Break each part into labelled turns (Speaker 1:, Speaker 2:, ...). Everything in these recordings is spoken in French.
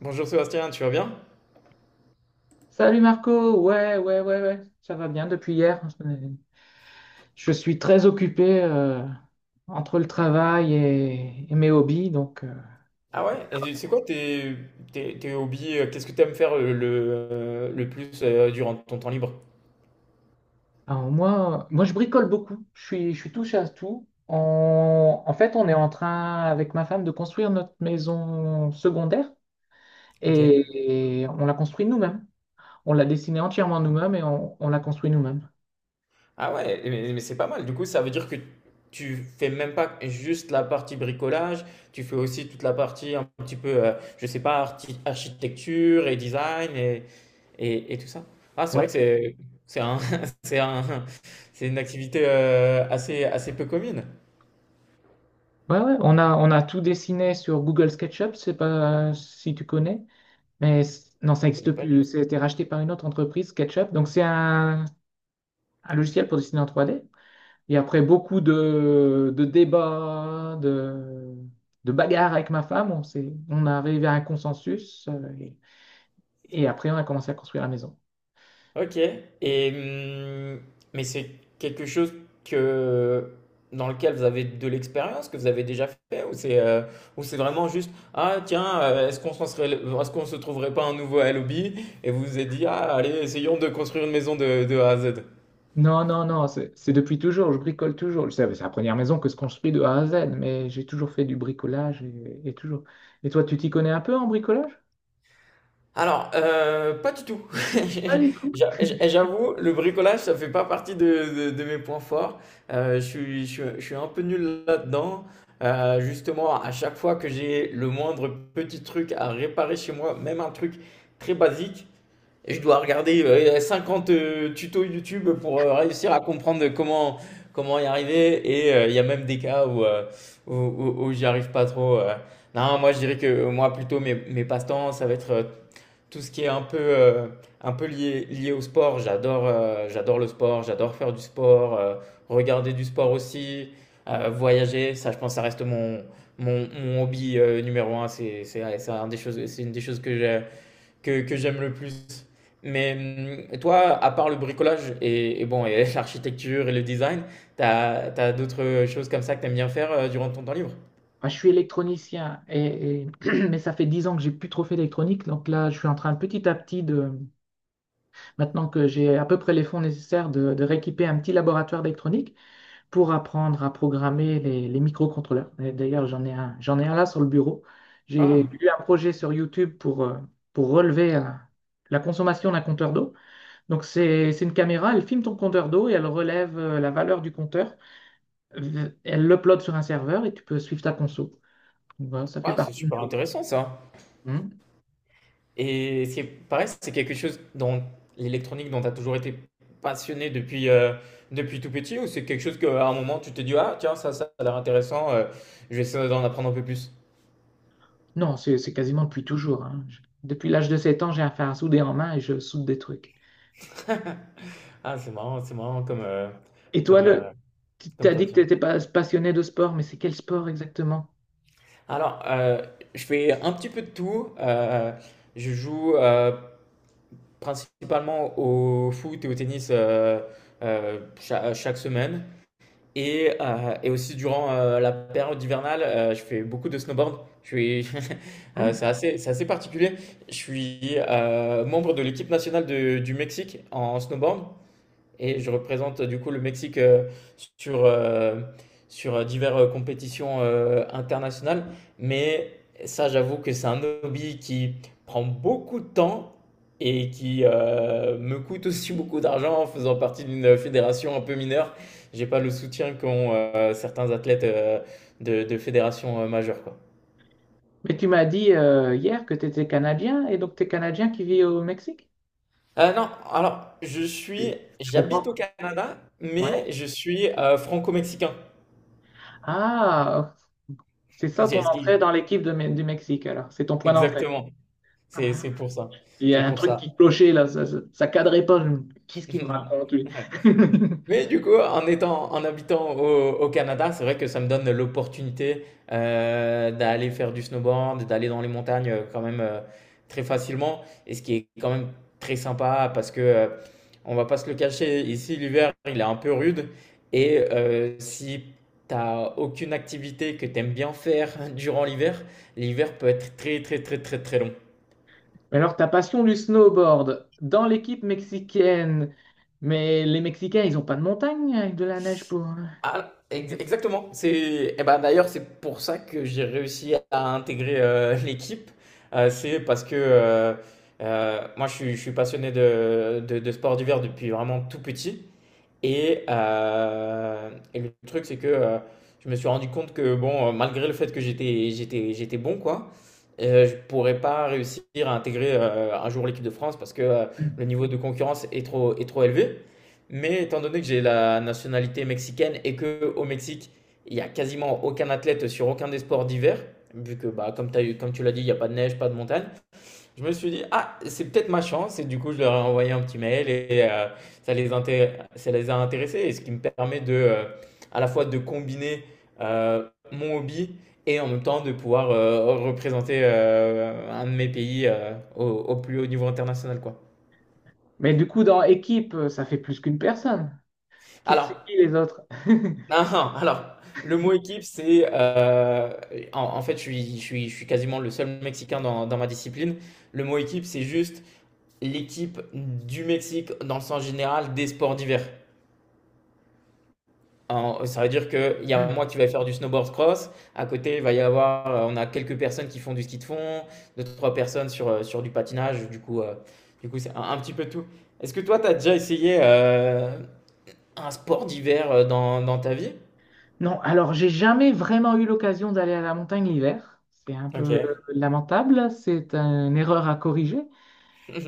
Speaker 1: Bonjour Sébastien, tu vas bien?
Speaker 2: Salut Marco, ouais, ouais, ouais, ouais, ça va bien depuis hier. Je suis très occupé, entre le travail et mes hobbies. Donc, euh,
Speaker 1: Ah ouais? Et c'est quoi tes hobbies? Qu'est-ce que tu aimes faire le plus durant ton temps libre?
Speaker 2: alors moi, moi, je bricole beaucoup. Je suis touche à tout. En fait, on est en train, avec ma femme, de construire notre maison secondaire
Speaker 1: Ok.
Speaker 2: et on l'a construite nous-mêmes. On l'a dessinée entièrement nous-mêmes et on l'a construite nous-mêmes.
Speaker 1: Ah ouais, mais c'est pas mal. Du coup, ça veut dire que tu fais même pas juste la partie bricolage, tu fais aussi toute la partie un petit peu, je sais pas, architecture et design et tout ça. Ah, c'est vrai que
Speaker 2: Ouais,
Speaker 1: c'est un, c'est un, c'est une activité assez, assez peu commune.
Speaker 2: ouais, ouais. On a tout dessiné sur Google SketchUp, c'est pas si tu connais. Non, ça
Speaker 1: Je
Speaker 2: n'existe
Speaker 1: connais pas du
Speaker 2: plus. Ça été racheté par une autre entreprise, SketchUp. Donc, c'est un logiciel pour dessiner en 3D. Et après beaucoup de débats, de bagarres avec ma femme, on est arrivé à un consensus. Et après, on a commencé à construire la maison.
Speaker 1: Ok. Et, mais c'est quelque chose que, dans lequel vous avez de l'expérience, que vous avez déjà fait, ou c'est vraiment juste, ah tiens, est-ce qu'on se trouverait pas un nouveau lobby? Et vous vous êtes dit, ah allez, essayons de construire une maison de A à Z.
Speaker 2: Non, non, non, c'est depuis toujours. Je bricole toujours. C'est la première maison que je construis de A à Z, mais j'ai toujours fait du bricolage et toujours. Et toi, tu t'y connais un peu en bricolage?
Speaker 1: Alors, pas du tout.
Speaker 2: Pas du tout.
Speaker 1: J'avoue, le bricolage, ça fait pas partie de mes points forts. Je suis un peu nul là-dedans. Justement, à chaque fois que j'ai le moindre petit truc à réparer chez moi, même un truc très basique, je dois regarder, 50, tutos YouTube pour, réussir à comprendre comment y arriver et il y a même des cas où, où j'y arrive pas trop. Non, moi, je dirais que moi, plutôt, mes passe-temps, ça va être, tout ce qui est un peu lié au sport. J'adore j'adore le sport, j'adore faire du sport, regarder du sport aussi, voyager. Ça, je pense, ça reste mon hobby numéro un. C'est une des choses que j'aime le plus. Mais toi, à part le bricolage et bon, et l'architecture et le design, t'as d'autres choses comme ça que t'aimes bien faire durant ton temps libre?
Speaker 2: Ah, je suis électronicien, mais ça fait dix ans que j'ai plus trop fait d'électronique. Donc là, je suis en train petit à petit maintenant que j'ai à peu près les fonds nécessaires, de rééquiper un petit laboratoire d'électronique pour apprendre à programmer les microcontrôleurs. Et d'ailleurs, j'en ai un là sur le bureau. J'ai
Speaker 1: Ah,
Speaker 2: eu un projet sur YouTube pour relever la consommation d'un compteur d'eau. Donc c'est une caméra, elle filme ton compteur d'eau et elle relève, la valeur du compteur. Elle l'upload sur un serveur et tu peux suivre ta conso. Voilà, ça fait
Speaker 1: ah, c'est
Speaker 2: partie de mes
Speaker 1: super
Speaker 2: hobbies.
Speaker 1: intéressant ça.
Speaker 2: Hmm.
Speaker 1: Et c'est pareil, c'est quelque chose dans l'électronique dont tu as toujours été passionné depuis, depuis tout petit ou c'est quelque chose qu'à un moment tu t'es dit ah tiens ça a l'air intéressant je vais essayer d'en apprendre un peu plus.
Speaker 2: Non, c'est quasiment depuis toujours, hein. Depuis l'âge de 7 ans, j'ai un fer à souder en main et je soude des trucs.
Speaker 1: Ah c'est marrant
Speaker 2: Et toi,
Speaker 1: comme euh,
Speaker 2: tu
Speaker 1: comme
Speaker 2: t'as dit que tu
Speaker 1: passion.
Speaker 2: étais pas passionné de sport, mais c'est quel sport exactement?
Speaker 1: Alors je fais un petit peu de tout. Je joue principalement au foot et au tennis chaque, semaine. Et aussi durant la période hivernale, je fais beaucoup de snowboard. Je suis,
Speaker 2: Hmm.
Speaker 1: c'est assez particulier. Je suis membre de l'équipe nationale du Mexique en snowboard. Et je représente du coup le Mexique sur, euh, sur diverses compétitions internationales. Mais ça, j'avoue que c'est un hobby qui prend beaucoup de temps et qui me coûte aussi beaucoup d'argent en faisant partie d'une fédération un peu mineure. J'ai pas le soutien qu'ont certains athlètes de fédérations majeures, quoi.
Speaker 2: Mais tu m'as dit, hier, que tu étais Canadien, et donc tu es Canadien qui vit au Mexique?
Speaker 1: Non,
Speaker 2: Je comprends.
Speaker 1: j'habite au Canada,
Speaker 2: Ouais.
Speaker 1: mais je suis franco-mexicain.
Speaker 2: Ah, c'est ça ton
Speaker 1: C'est ce
Speaker 2: entrée
Speaker 1: qui,
Speaker 2: dans l'équipe de du Mexique alors. C'est ton point d'entrée.
Speaker 1: exactement.
Speaker 2: Ah.
Speaker 1: C'est pour ça.
Speaker 2: Il y
Speaker 1: C'est
Speaker 2: a un
Speaker 1: pour
Speaker 2: truc qui
Speaker 1: ça.
Speaker 2: clochait là, ça cadrait pas. Qu'est-ce qu'il me
Speaker 1: Non.
Speaker 2: raconte lui?
Speaker 1: Ouais. Mais du coup, en habitant au, au Canada, c'est vrai que ça me donne l'opportunité d'aller faire du snowboard, d'aller dans les montagnes quand même très facilement. Et ce qui est quand même très sympa parce que on va pas se le cacher, ici l'hiver il est un peu rude. Et si t'as aucune activité que t'aimes bien faire durant l'hiver, l'hiver peut être très très très très très long.
Speaker 2: Mais alors, ta passion du snowboard dans l'équipe mexicaine, mais les Mexicains, ils n'ont pas de montagne avec de la neige pour.
Speaker 1: Ah, exactement. C'est, eh ben, d'ailleurs, c'est pour ça que j'ai réussi à intégrer l'équipe. C'est parce que moi, je suis passionné de sport d'hiver depuis vraiment tout petit. Et le truc, c'est que je me suis rendu compte que, bon, malgré le fait que j'étais bon, quoi, je pourrais pas réussir à intégrer un jour l'équipe de France parce que le niveau de concurrence est trop élevé. Mais étant donné que j'ai la nationalité mexicaine et que au Mexique, il y a quasiment aucun athlète sur aucun des sports d'hiver, vu que, bah, comme tu l'as dit, il n'y a pas de neige, pas de montagne, je me suis dit, ah, c'est peut-être ma chance. Et du coup, je leur ai envoyé un petit mail et ça les a intéressés. Et ce qui me permet de, à la fois de combiner mon hobby et en même temps de pouvoir représenter un de mes pays au, au plus haut niveau international, quoi.
Speaker 2: Mais du coup, dans équipe, ça fait plus qu'une personne. Qui
Speaker 1: Alors,
Speaker 2: c'est qui les autres?
Speaker 1: alors le mot équipe, c'est. En, en fait, je suis quasiment le seul Mexicain dans, dans ma discipline. Le mot équipe, c'est juste l'équipe du Mexique dans le sens général des sports d'hiver. Ça veut dire qu'il y a moi qui vais faire du snowboard cross. À côté, il va y avoir, on a quelques personnes qui font du ski de fond, deux, trois personnes sur du patinage. Du coup, c'est un petit peu tout. Est-ce que toi, tu as déjà essayé un sport d'hiver dans, dans ta vie?
Speaker 2: Non, alors j'ai jamais vraiment eu l'occasion d'aller à la montagne l'hiver. C'est un
Speaker 1: Ok.
Speaker 2: peu lamentable, c'est une erreur à corriger.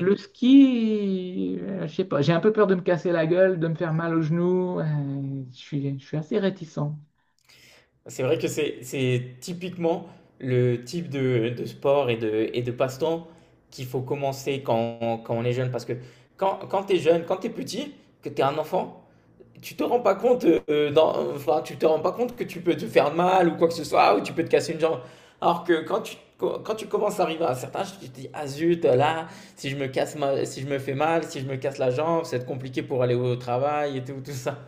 Speaker 2: Le ski, je sais pas, j'ai un peu peur de me casser la gueule, de me faire mal aux genoux. Je suis assez réticent.
Speaker 1: C'est vrai que c'est typiquement le type de sport et de passe-temps qu'il faut commencer quand, quand on est jeune. Parce que quand, quand tu es jeune, quand tu es petit, que tu es un enfant, tu te rends pas compte, enfin, tu te rends pas compte que tu peux te faire mal ou quoi que ce soit, ou tu peux te casser une jambe. Alors que quand tu commences à arriver à un certain âge, tu te dis, ah zut, là, si je me casse ma- si je me fais mal, si je me casse la jambe, ça va être compliqué pour aller au travail et tout, tout ça.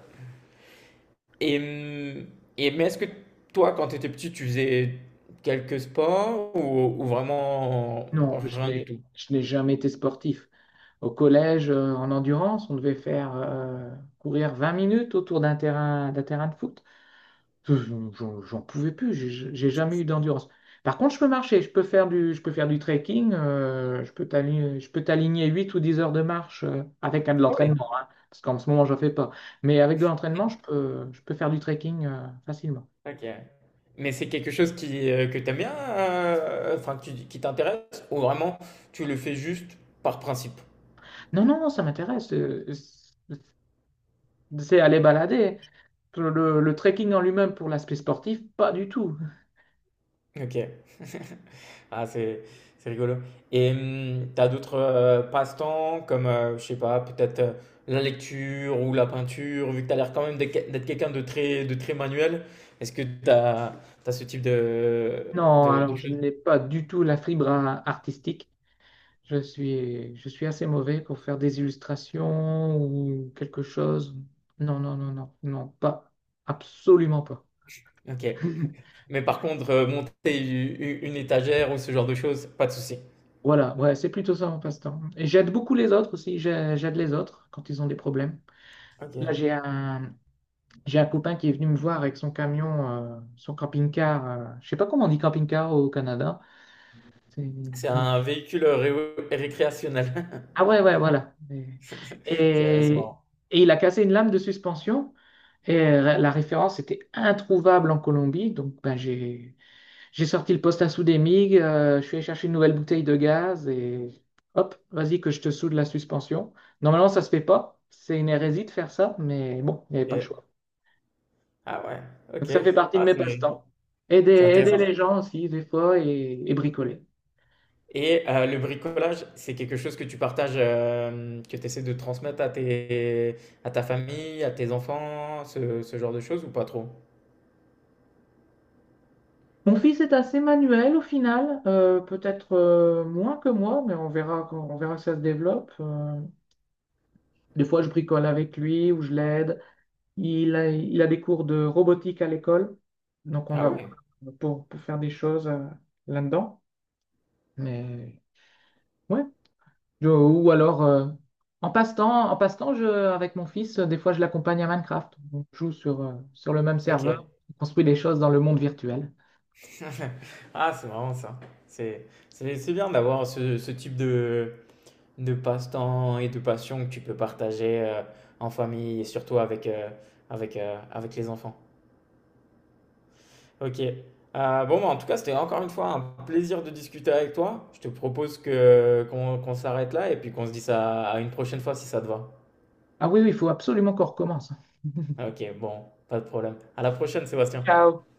Speaker 1: Et, hum, et mais est-ce que toi, quand tu étais petit, tu faisais quelques sports ou vraiment
Speaker 2: Non,
Speaker 1: rien du tout?
Speaker 2: je n'ai jamais été sportif. Au collège, en endurance, on devait faire, courir 20 minutes autour d'un terrain de foot. Je- j'en pouvais plus, j'ai jamais eu d'endurance. Par contre, je peux marcher, je peux faire du trekking, je peux t'aligner 8 ou 10 heures de marche, avec, de
Speaker 1: Ah ouais.
Speaker 2: l'entraînement, hein, parce qu'en ce moment, j'en fais pas. Mais avec de l'entraînement, je peux faire du trekking facilement.
Speaker 1: OK. Mais c'est quelque chose qui, que tu aimes bien, enfin que tu qui t'intéresse ou vraiment tu le fais juste par principe?
Speaker 2: Non, non, non, ça m'intéresse. C'est aller balader. Le trekking en lui-même pour l'aspect sportif, pas du tout.
Speaker 1: OK. Ah c'est rigolo et tu d'autres, passe-temps comme, je sais pas, peut-être, la lecture ou la peinture? Vu que t'as l'air quand même d'être quelqu'un de très manuel, est-ce que t'as as ce type de
Speaker 2: Non,
Speaker 1: de
Speaker 2: alors je
Speaker 1: choses?
Speaker 2: n'ai pas du tout la fibre artistique. Je suis assez mauvais pour faire des illustrations ou quelque chose. Non, non, non, non, non, pas, absolument pas.
Speaker 1: OK. Mais par contre, monter u u une étagère ou ce genre de choses, pas de souci?
Speaker 2: Voilà, ouais, c'est plutôt ça mon passe-temps. Et j'aide beaucoup les autres aussi, j'aide les autres quand ils ont des problèmes. Là,
Speaker 1: OK.
Speaker 2: j'ai un copain qui est venu me voir avec son camion, son camping-car. Je sais pas comment on dit camping-car au Canada. C'est...
Speaker 1: C'est un véhicule ré récréationnel.
Speaker 2: Ah ouais, ouais, voilà.
Speaker 1: C'est ouais, c'est
Speaker 2: Et,
Speaker 1: marrant.
Speaker 2: et il a cassé une lame de suspension. Et la référence était introuvable en Colombie. Donc ben, j'ai sorti le poste à souder MIG, je suis allé chercher une nouvelle bouteille de gaz et hop, vas-y que je te soude la suspension. Normalement, ça se fait pas. C'est une hérésie de faire ça, mais bon, il n'y avait pas le
Speaker 1: OK.
Speaker 2: choix.
Speaker 1: Ah ouais,
Speaker 2: Donc
Speaker 1: OK.
Speaker 2: ça fait partie de
Speaker 1: Ah,
Speaker 2: mes
Speaker 1: c'est
Speaker 2: passe-temps. Aider,
Speaker 1: c'est
Speaker 2: aider
Speaker 1: intéressant.
Speaker 2: les gens aussi, des fois, et bricoler.
Speaker 1: Et le bricolage, c'est quelque chose que tu partages, que tu essaies de transmettre à ta famille, à tes enfants, ce genre de choses ou pas trop?
Speaker 2: Mon fils est assez manuel au final, peut-être moins que moi, mais on verra, on verra si ça se développe. Des fois, je bricole avec lui ou je l'aide. Il a des cours de robotique à l'école, donc on
Speaker 1: Ah
Speaker 2: va voir
Speaker 1: ouais,
Speaker 2: pour faire des choses là-dedans. Mais ouais. Ou alors, en passe-temps, avec mon fils, des fois, je l'accompagne à Minecraft. On joue sur, sur le même
Speaker 1: OK.
Speaker 2: serveur, on construit des choses dans le monde virtuel.
Speaker 1: Ah, c'est marrant ça. C'est bien d'avoir ce type de passe-temps et de passion que tu peux partager, en famille et surtout avec, avec les enfants. Ok. Bon, bah, en tout cas, c'était encore une fois un plaisir de discuter avec toi. Je te propose que qu'on s'arrête là et puis qu'on se dise ça à une prochaine fois si ça te va.
Speaker 2: Ah oui, oui, il faut absolument qu'on recommence.
Speaker 1: Ok, bon, pas de problème. À la prochaine, Sébastien.
Speaker 2: Ciao.